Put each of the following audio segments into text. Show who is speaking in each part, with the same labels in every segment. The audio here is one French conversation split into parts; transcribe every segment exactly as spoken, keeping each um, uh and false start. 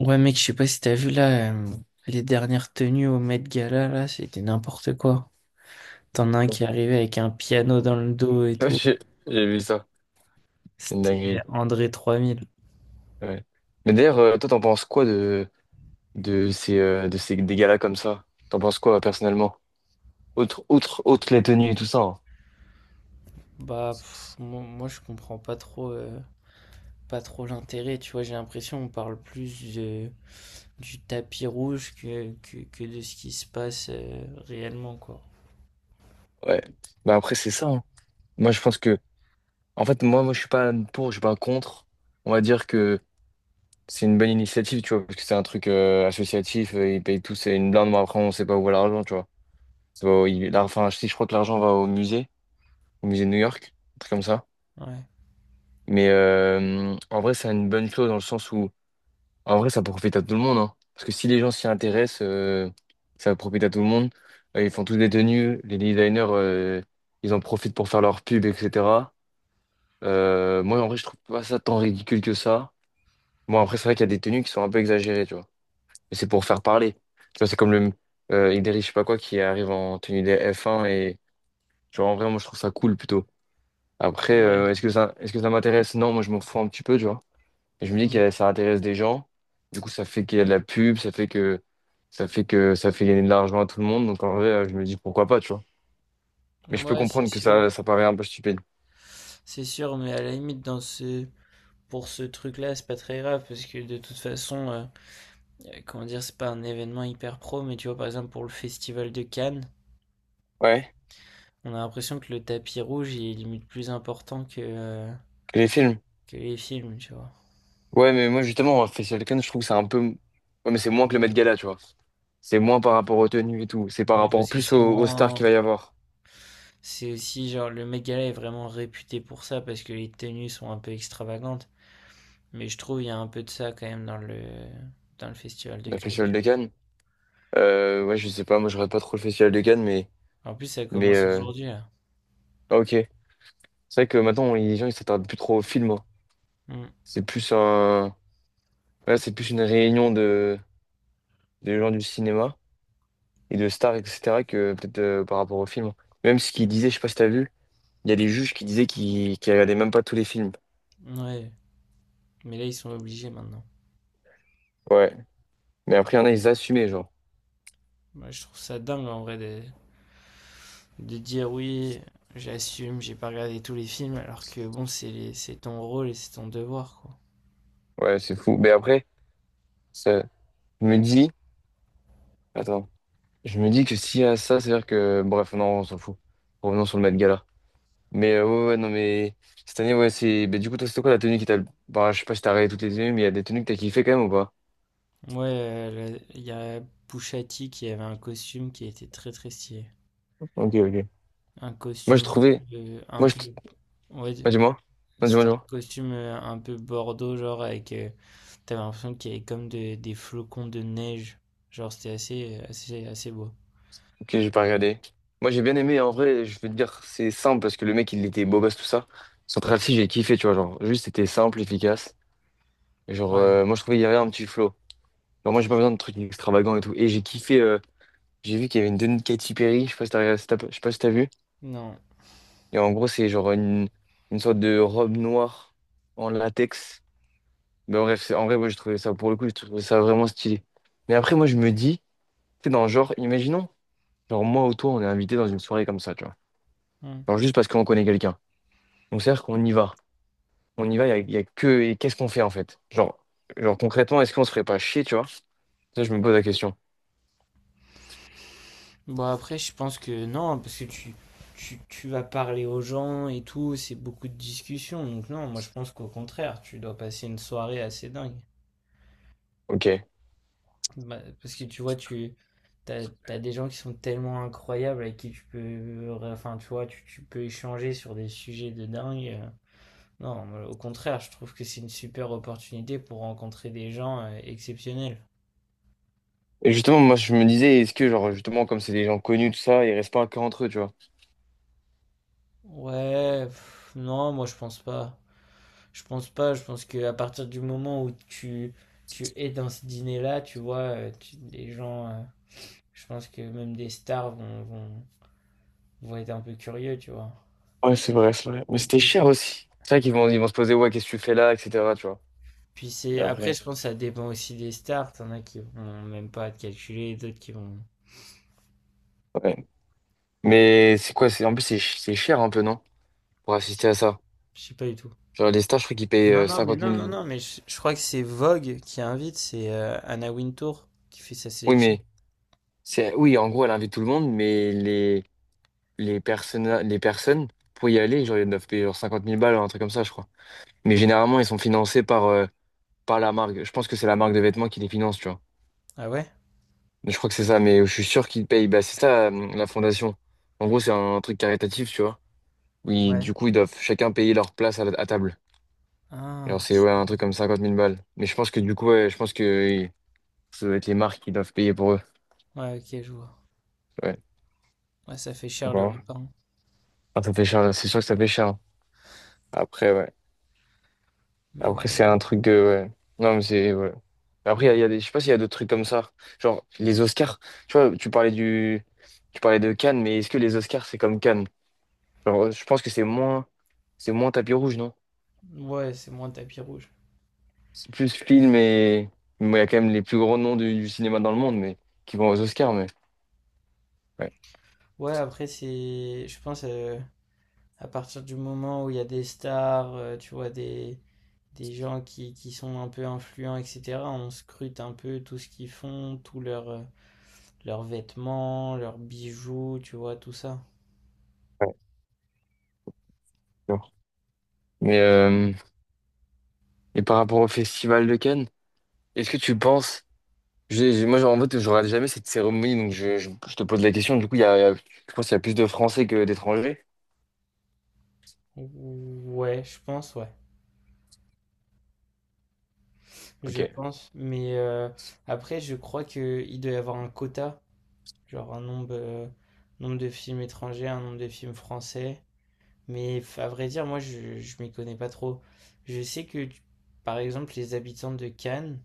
Speaker 1: Ouais, mec, je sais pas si t'as vu là, euh, les dernières tenues au Met Gala, là, c'était n'importe quoi. T'en as un qui est arrivé avec un piano dans le dos et
Speaker 2: Ouais,
Speaker 1: tout.
Speaker 2: J'ai j'ai vu ça, c'est une
Speaker 1: C'était
Speaker 2: dinguerie,
Speaker 1: André trois mille.
Speaker 2: ouais. Mais d'ailleurs, euh, toi, t'en penses quoi de, de ces, euh, de ces des galas comme ça? T'en penses quoi personnellement? Outre, outre, outre les tenues et tout ça, hein.
Speaker 1: Bah, pff, moi, moi, je comprends pas trop, euh, pas trop l'intérêt, tu vois, j'ai l'impression on parle plus de- du tapis rouge que, que, que de ce qui se passe, euh, réellement, quoi.
Speaker 2: Ouais. Bah après, c'est ça, hein. Moi, je pense que, en fait, moi, moi, je suis pas pour, je suis pas contre. On va dire que c'est une bonne initiative, tu vois, parce que c'est un truc euh, associatif, euh, ils payent tous, c'est une blinde, mais après, on sait pas où va l'argent, tu vois. Ça va au- il- là, enfin, si je crois que l'argent va au musée, au musée de New York, un truc comme ça.
Speaker 1: Ouais.
Speaker 2: Mais euh, en vrai, c'est une bonne chose. Dans le sens où En vrai, ça profite à tout le monde, hein. Parce que si les gens s'y intéressent, euh, ça profite à tout le monde. Euh, Ils font tous des tenues, les designers, euh, ils en profitent pour faire leur pub, et cetera. Euh, moi, en vrai, je trouve pas ça tant ridicule que ça. Bon, après, c'est vrai qu'il y a des tenues qui sont un peu exagérées, tu vois. Mais c'est pour faire parler. Tu vois, c'est comme le euh, Idriss, je sais pas quoi, qui arrive en tenue des F un et, genre, en vrai, moi, je trouve ça cool plutôt. Après,
Speaker 1: Ouais.
Speaker 2: euh, est-ce que ça, est-ce que ça m'intéresse? Non, moi, je m'en fous un petit peu, tu vois. Et je me dis que ça intéresse des gens. Du coup, ça fait qu'il y a de la pub, ça fait que ça fait que ça fait gagner de l'argent à tout le monde. Donc en vrai, je me dis pourquoi pas, tu vois. Mais
Speaker 1: Mm.
Speaker 2: je peux
Speaker 1: Ouais, c'est
Speaker 2: comprendre que
Speaker 1: sûr.
Speaker 2: ça, ça paraît un peu stupide.
Speaker 1: C'est sûr, mais à la limite, dans ce... pour ce truc-là, c'est pas très grave, parce que de toute façon... euh, euh, comment dire, c'est pas un événement hyper pro, mais tu vois, par exemple, pour le festival de Cannes,
Speaker 2: Ouais,
Speaker 1: on a l'impression que le tapis rouge il est limite plus important que, euh,
Speaker 2: que les films.
Speaker 1: que les films, tu vois.
Speaker 2: Ouais, mais moi justement, Facial Can, je trouve que c'est un peu. Ouais, mais c'est moins que le Met Gala, tu vois. C'est moins par rapport aux tenues et tout. C'est par
Speaker 1: Mais
Speaker 2: rapport
Speaker 1: parce que
Speaker 2: plus
Speaker 1: c'est
Speaker 2: aux, aux stars
Speaker 1: moins.
Speaker 2: qu'il va y avoir.
Speaker 1: C'est aussi genre le mec Gala est vraiment réputé pour ça parce que les tenues sont un peu extravagantes. Mais je trouve il y a un peu de ça quand même dans le dans le festival de
Speaker 2: Le
Speaker 1: Cannes,
Speaker 2: Festival
Speaker 1: tu
Speaker 2: de Cannes. Euh, ouais, je sais pas, moi je regarde pas trop le Festival de Cannes, mais.
Speaker 1: vois. En plus ça
Speaker 2: Mais
Speaker 1: commence
Speaker 2: euh,
Speaker 1: aujourd'hui là.
Speaker 2: ah, ok. C'est vrai que maintenant, les gens ils s'attardent plus trop aux films, hein.
Speaker 1: Mm.
Speaker 2: C'est plus un. Là, c'est plus une réunion de, de gens du cinéma et de stars, et cetera, que peut-être euh, par rapport au film. Même ce qu'ils disaient, je sais pas si t'as vu, il y a des juges qui disaient qu'ils qu'ils regardaient même pas tous les films.
Speaker 1: Ouais. Mais là ils sont obligés maintenant.
Speaker 2: Ouais. Mais après, il y en a, ils assumaient, genre.
Speaker 1: Moi je trouve ça dingue en vrai de, de dire oui, j'assume, j'ai pas regardé tous les films, alors que bon, c'est les- c'est ton rôle et c'est ton devoir, quoi.
Speaker 2: Ouais, c'est fou. Mais après, ça, je me dis, attends, je me dis que s'il y a ça, c'est-à-dire que, bref, non, on s'en fout. Revenons sur le Met Gala. Mais euh, ouais, ouais, non, mais cette année, ouais, c'est. Mais du coup, toi, c'était quoi la tenue qui t'a. Bah, je sais pas si t'as regardé toutes les tenues, mais il y a des tenues que t'as kiffé quand même ou pas?
Speaker 1: Moi, euh, il y a Pouchati qui avait un costume qui était très très stylé.
Speaker 2: Ok, ok.
Speaker 1: Un
Speaker 2: Moi, je
Speaker 1: costume un
Speaker 2: trouvais.
Speaker 1: peu, euh, un
Speaker 2: Moi, je.
Speaker 1: peu ouais,
Speaker 2: Bah, dis-moi. Non, dis-moi,
Speaker 1: c'était un
Speaker 2: dis-moi.
Speaker 1: costume euh, un peu bordeaux, genre avec, euh, t'avais l'impression qu'il y avait comme de- des flocons de neige, genre c'était assez, euh, assez, assez beau.
Speaker 2: Ok, j'ai pas regardé. Moi, j'ai bien aimé, en vrai, je veux te dire, c'est simple parce que le mec, il était beau gosse, tout ça. Central Cee, j'ai kiffé, tu vois, genre, juste, c'était simple, efficace. Genre,
Speaker 1: Ouais,
Speaker 2: euh, moi, je trouvais qu'il y avait un petit flow. Genre, moi, j'ai pas besoin de trucs extravagants et tout. Et j'ai kiffé, euh, j'ai vu qu'il y avait une tenue de Katy Perry, je sais pas si t'as, regardé- si t'as- je sais pas si t'as vu.
Speaker 1: non.
Speaker 2: Et en gros, c'est genre une, une sorte de robe noire en latex. Mais bref, c'est- en vrai, moi, j'ai trouvé ça, pour le coup, j'ai trouvé ça vraiment stylé. Mais après, moi, je me dis, tu sais, dans le genre, imaginons, genre, moi ou toi, on est invité dans une soirée comme ça, tu vois.
Speaker 1: Hmm.
Speaker 2: Genre, juste parce qu'on connaît quelqu'un. Donc c'est-à-dire qu'on y va. On y va, il y a, y a que... Et qu'est-ce qu'on fait en fait? Genre, genre concrètement, est-ce qu'on se ferait pas chier, tu vois? Ça, je me pose la question.
Speaker 1: Bon, après, je pense que non, parce que tu, tu, tu vas parler aux gens et tout, c'est beaucoup de discussions. Donc, non, moi, je pense qu'au contraire, tu dois passer une soirée assez dingue.
Speaker 2: Ok. Et
Speaker 1: Bah, parce que tu vois, tu t'as, t'as des gens qui sont tellement incroyables avec qui tu peux, enfin, tu vois, tu, tu peux échanger sur des sujets de dingue. Euh, Non, moi, au contraire, je trouve que c'est une super opportunité pour rencontrer des gens euh, exceptionnels.
Speaker 2: justement, moi, je me disais, est-ce que, genre, justement, comme c'est des gens connus, tout ça, ils restent pas que entre eux, tu vois?
Speaker 1: Ouais, pff, non, moi, je pense pas. Je pense pas, je pense qu'à partir du moment où tu, tu es dans ce dîner-là, tu vois, euh, tu- les gens, euh, je pense que même des stars vont, vont, vont être un peu curieux, tu vois.
Speaker 2: Ouais, c'est vrai, c'est vrai. Mais
Speaker 1: Et
Speaker 2: c'était
Speaker 1: puis,
Speaker 2: cher aussi. C'est vrai qu'ils vont, ils vont se poser, ouais, qu'est-ce que tu fais là, et cetera, tu vois?
Speaker 1: puis
Speaker 2: Et
Speaker 1: c'est, après, je
Speaker 2: après,
Speaker 1: pense que ça dépend aussi des stars. T'en as qui vont même pas te calculer, d'autres qui vont,
Speaker 2: ouais. Mais c'est quoi? C'est, en plus, c'est ch- c'est cher un peu, non? Pour assister à ça.
Speaker 1: je sais pas du tout.
Speaker 2: Genre, les stars je crois qu'ils payent
Speaker 1: Non,
Speaker 2: euh,
Speaker 1: non, mais
Speaker 2: 50
Speaker 1: non, non,
Speaker 2: 000.
Speaker 1: non, mais je, je crois que c'est Vogue qui invite, c'est euh, Anna Wintour qui fait sa
Speaker 2: Oui,
Speaker 1: sélection.
Speaker 2: mais c'est, oui, en gros, elle invite tout le monde, mais les, les personnes, les personnes, pour y aller, genre, ils doivent payer genre cinquante mille balles, un truc comme ça, je crois. Mais généralement, ils sont financés par, euh, par la marque. Je pense que c'est la marque de vêtements qui les finance, tu vois.
Speaker 1: Ah ouais?
Speaker 2: Mais Je crois que c'est ça, mais je suis sûr qu'ils payent. Bah, c'est ça, euh, la fondation. En gros, c'est un truc caritatif, tu vois. Oui,
Speaker 1: Ouais.
Speaker 2: du coup, ils doivent chacun payer leur place à, la- à table.
Speaker 1: Ah,
Speaker 2: Alors,
Speaker 1: ok.
Speaker 2: c'est ouais, un truc comme cinquante mille balles. Mais je pense que du coup, ouais, je pense que euh, ça doit être les marques qui doivent payer pour eux.
Speaker 1: Ouais, ok, je vois.
Speaker 2: Ouais.
Speaker 1: Ouais, ça fait cher le
Speaker 2: Pourquoi?
Speaker 1: repas, hein.
Speaker 2: Ah, ça fait cher, c'est sûr que ça fait cher, hein. Après, ouais.
Speaker 1: Mais,
Speaker 2: Après, c'est un truc de. Ouais. Non, mais c'est. Ouais. Après, il y a, il y a des... je sais pas s'il y a d'autres trucs comme ça. Genre, les Oscars. Tu vois, tu parlais du. Tu parlais de Cannes, mais est-ce que les Oscars, c'est comme Cannes? Genre, je pense que c'est moins. C'est moins tapis rouge, non?
Speaker 1: ouais, c'est moins tapis rouge.
Speaker 2: C'est plus film et. Bon, il y a quand même les plus grands noms du, du cinéma dans le monde, mais qui vont aux Oscars, mais. Ouais.
Speaker 1: Ouais, après, c'est. Je pense euh, à partir du moment où il y a des stars, euh, tu vois, des, des gens qui, qui sont un peu influents, et cetera, on scrute un peu tout ce qu'ils font, tous leurs euh, leurs vêtements, leurs bijoux, tu vois, tout ça.
Speaker 2: Ouais, bon. Mais. euh, Et par rapport au Festival de Cannes, est-ce que tu penses. j'ai- j'ai- Moi, genre, en fait, je regarde jamais cette cérémonie, donc je, je- je te pose la question. Du coup, il y a... il y a- je pense qu'il y a plus de Français que d'étrangers.
Speaker 1: Ouais, je pense, ouais. Je
Speaker 2: Ok.
Speaker 1: pense. Mais euh, après, je crois qu'il doit y avoir un quota, genre un nombre, euh, nombre de films étrangers, un nombre de films français. Mais à vrai dire, moi, je, je m'y connais pas trop. Je sais que, tu- par exemple, les habitants de Cannes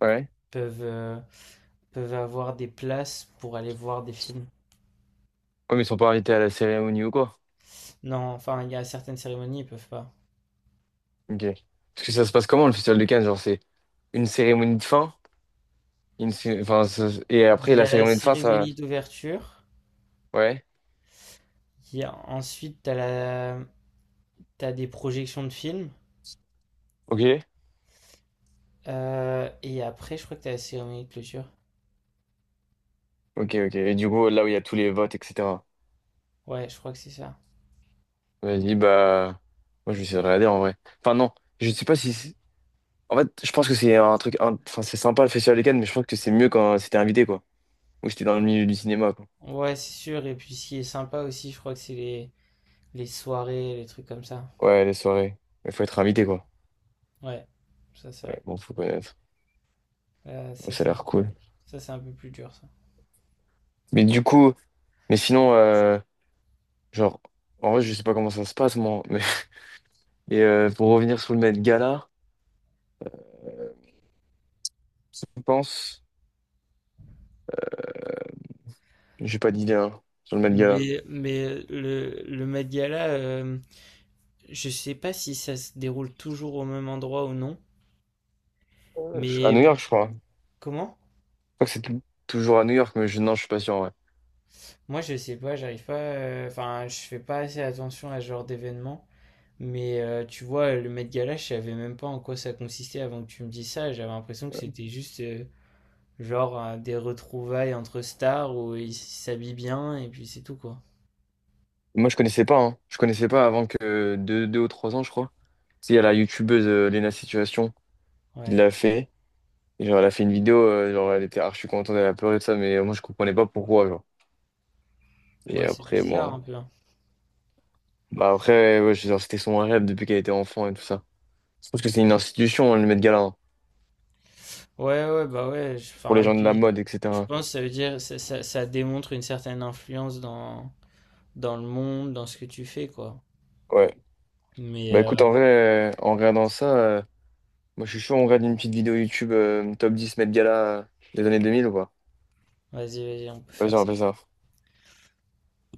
Speaker 2: Ouais.
Speaker 1: peuvent, euh, peuvent avoir des places pour aller voir des films.
Speaker 2: Ouais, mais ils sont pas invités à la cérémonie ou quoi?
Speaker 1: Non, enfin, il y a certaines cérémonies, ils peuvent pas.
Speaker 2: Ok. Parce que ça se passe comment le festival de Cannes? Genre, c'est une cérémonie de fin? Une cé- enfin, ça- et
Speaker 1: Il
Speaker 2: après,
Speaker 1: y
Speaker 2: la
Speaker 1: a la
Speaker 2: cérémonie de fin, ça.
Speaker 1: cérémonie d'ouverture.
Speaker 2: Ouais.
Speaker 1: Il y a ensuite, t'as la, t'as des projections de films.
Speaker 2: Ok.
Speaker 1: Euh, et après, je crois que t'as la cérémonie de clôture.
Speaker 2: Ok, ok. Et du coup, là où il y a tous les votes, et cetera.
Speaker 1: Ouais, je crois que c'est ça.
Speaker 2: Vas-y, bah. Moi, je vais essayer de regarder en vrai. Enfin, non. Je sais pas si c'est-. En fait, je pense que c'est un truc. un- Enfin, c'est sympa le festival de Cannes, mais je pense que c'est mieux quand c'était invité, quoi. Ou c'était dans le milieu du cinéma, quoi.
Speaker 1: Ouais, c'est sûr. Et puis, ce qui est sympa aussi, je crois que c'est les, les soirées, les trucs comme ça.
Speaker 2: Ouais, les soirées. Il faut être invité, quoi.
Speaker 1: Ouais, ça c'est vrai.
Speaker 2: Ouais, bon, faut connaître.
Speaker 1: Euh,
Speaker 2: Ouais,
Speaker 1: ça,
Speaker 2: Ça a
Speaker 1: c'est un...
Speaker 2: l'air cool.
Speaker 1: ça, c'est un peu plus dur, ça.
Speaker 2: Mais du coup. Mais sinon. euh, Genre, en vrai, je sais pas comment ça se passe, moi. Mais... Et euh, pour revenir sur le Met Gala, je pense, j'ai pas d'idée, hein, sur le Met Gala.
Speaker 1: Mais, mais le, le Met Gala, euh, je sais pas si ça se déroule toujours au même endroit ou non,
Speaker 2: Euh, je- À
Speaker 1: mais
Speaker 2: New York, je crois. Je
Speaker 1: comment?
Speaker 2: crois que c'est tou- toujours à New York, mais je... non, je suis pas sûr, ouais.
Speaker 1: Moi, je sais pas, j'arrive pas, euh, enfin, je fais pas assez attention à ce genre d'événement, mais euh, tu vois, le Met Gala, je savais même pas en quoi ça consistait avant que tu me dises ça, j'avais l'impression que c'était juste, euh, genre, euh, des retrouvailles entre stars où ils s'habillent bien et puis c'est tout, quoi.
Speaker 2: Moi, je connaissais pas, hein. Je connaissais pas avant que deux, deux ou trois ans, je crois. Si, il y a la youtubeuse euh, Lena Situation qui
Speaker 1: Ouais,
Speaker 2: l'a fait. Et genre, elle a fait une vidéo, euh, genre, elle était archi contente, elle a pleuré de ça, mais euh, moi, je comprenais pas pourquoi, genre. Et
Speaker 1: ouais, c'est
Speaker 2: après,
Speaker 1: bizarre un
Speaker 2: moi.
Speaker 1: peu, hein.
Speaker 2: Bah, après, ouais, genre, c'était son rêve depuis qu'elle était enfant et tout ça. Je pense que c'est une institution, hein, le Met Gala, hein,
Speaker 1: Ouais, ouais, bah ouais, je-
Speaker 2: pour
Speaker 1: enfin,
Speaker 2: les
Speaker 1: et
Speaker 2: gens de la
Speaker 1: puis,
Speaker 2: mode,
Speaker 1: je
Speaker 2: et cetera.
Speaker 1: pense que ça veut dire, ça, ça, ça démontre une certaine influence dans, dans le monde, dans ce que tu fais, quoi.
Speaker 2: Ouais.
Speaker 1: Mais,
Speaker 2: Bah
Speaker 1: euh,
Speaker 2: écoute, en vrai, euh, en regardant ça, euh, moi je suis chaud, on regarde une petite vidéo YouTube euh, top dix, Met Gala euh, des années deux mille ou quoi.
Speaker 1: vas-y, vas-y, on peut
Speaker 2: Vas-y,
Speaker 1: faire
Speaker 2: on
Speaker 1: ça.
Speaker 2: fait ça.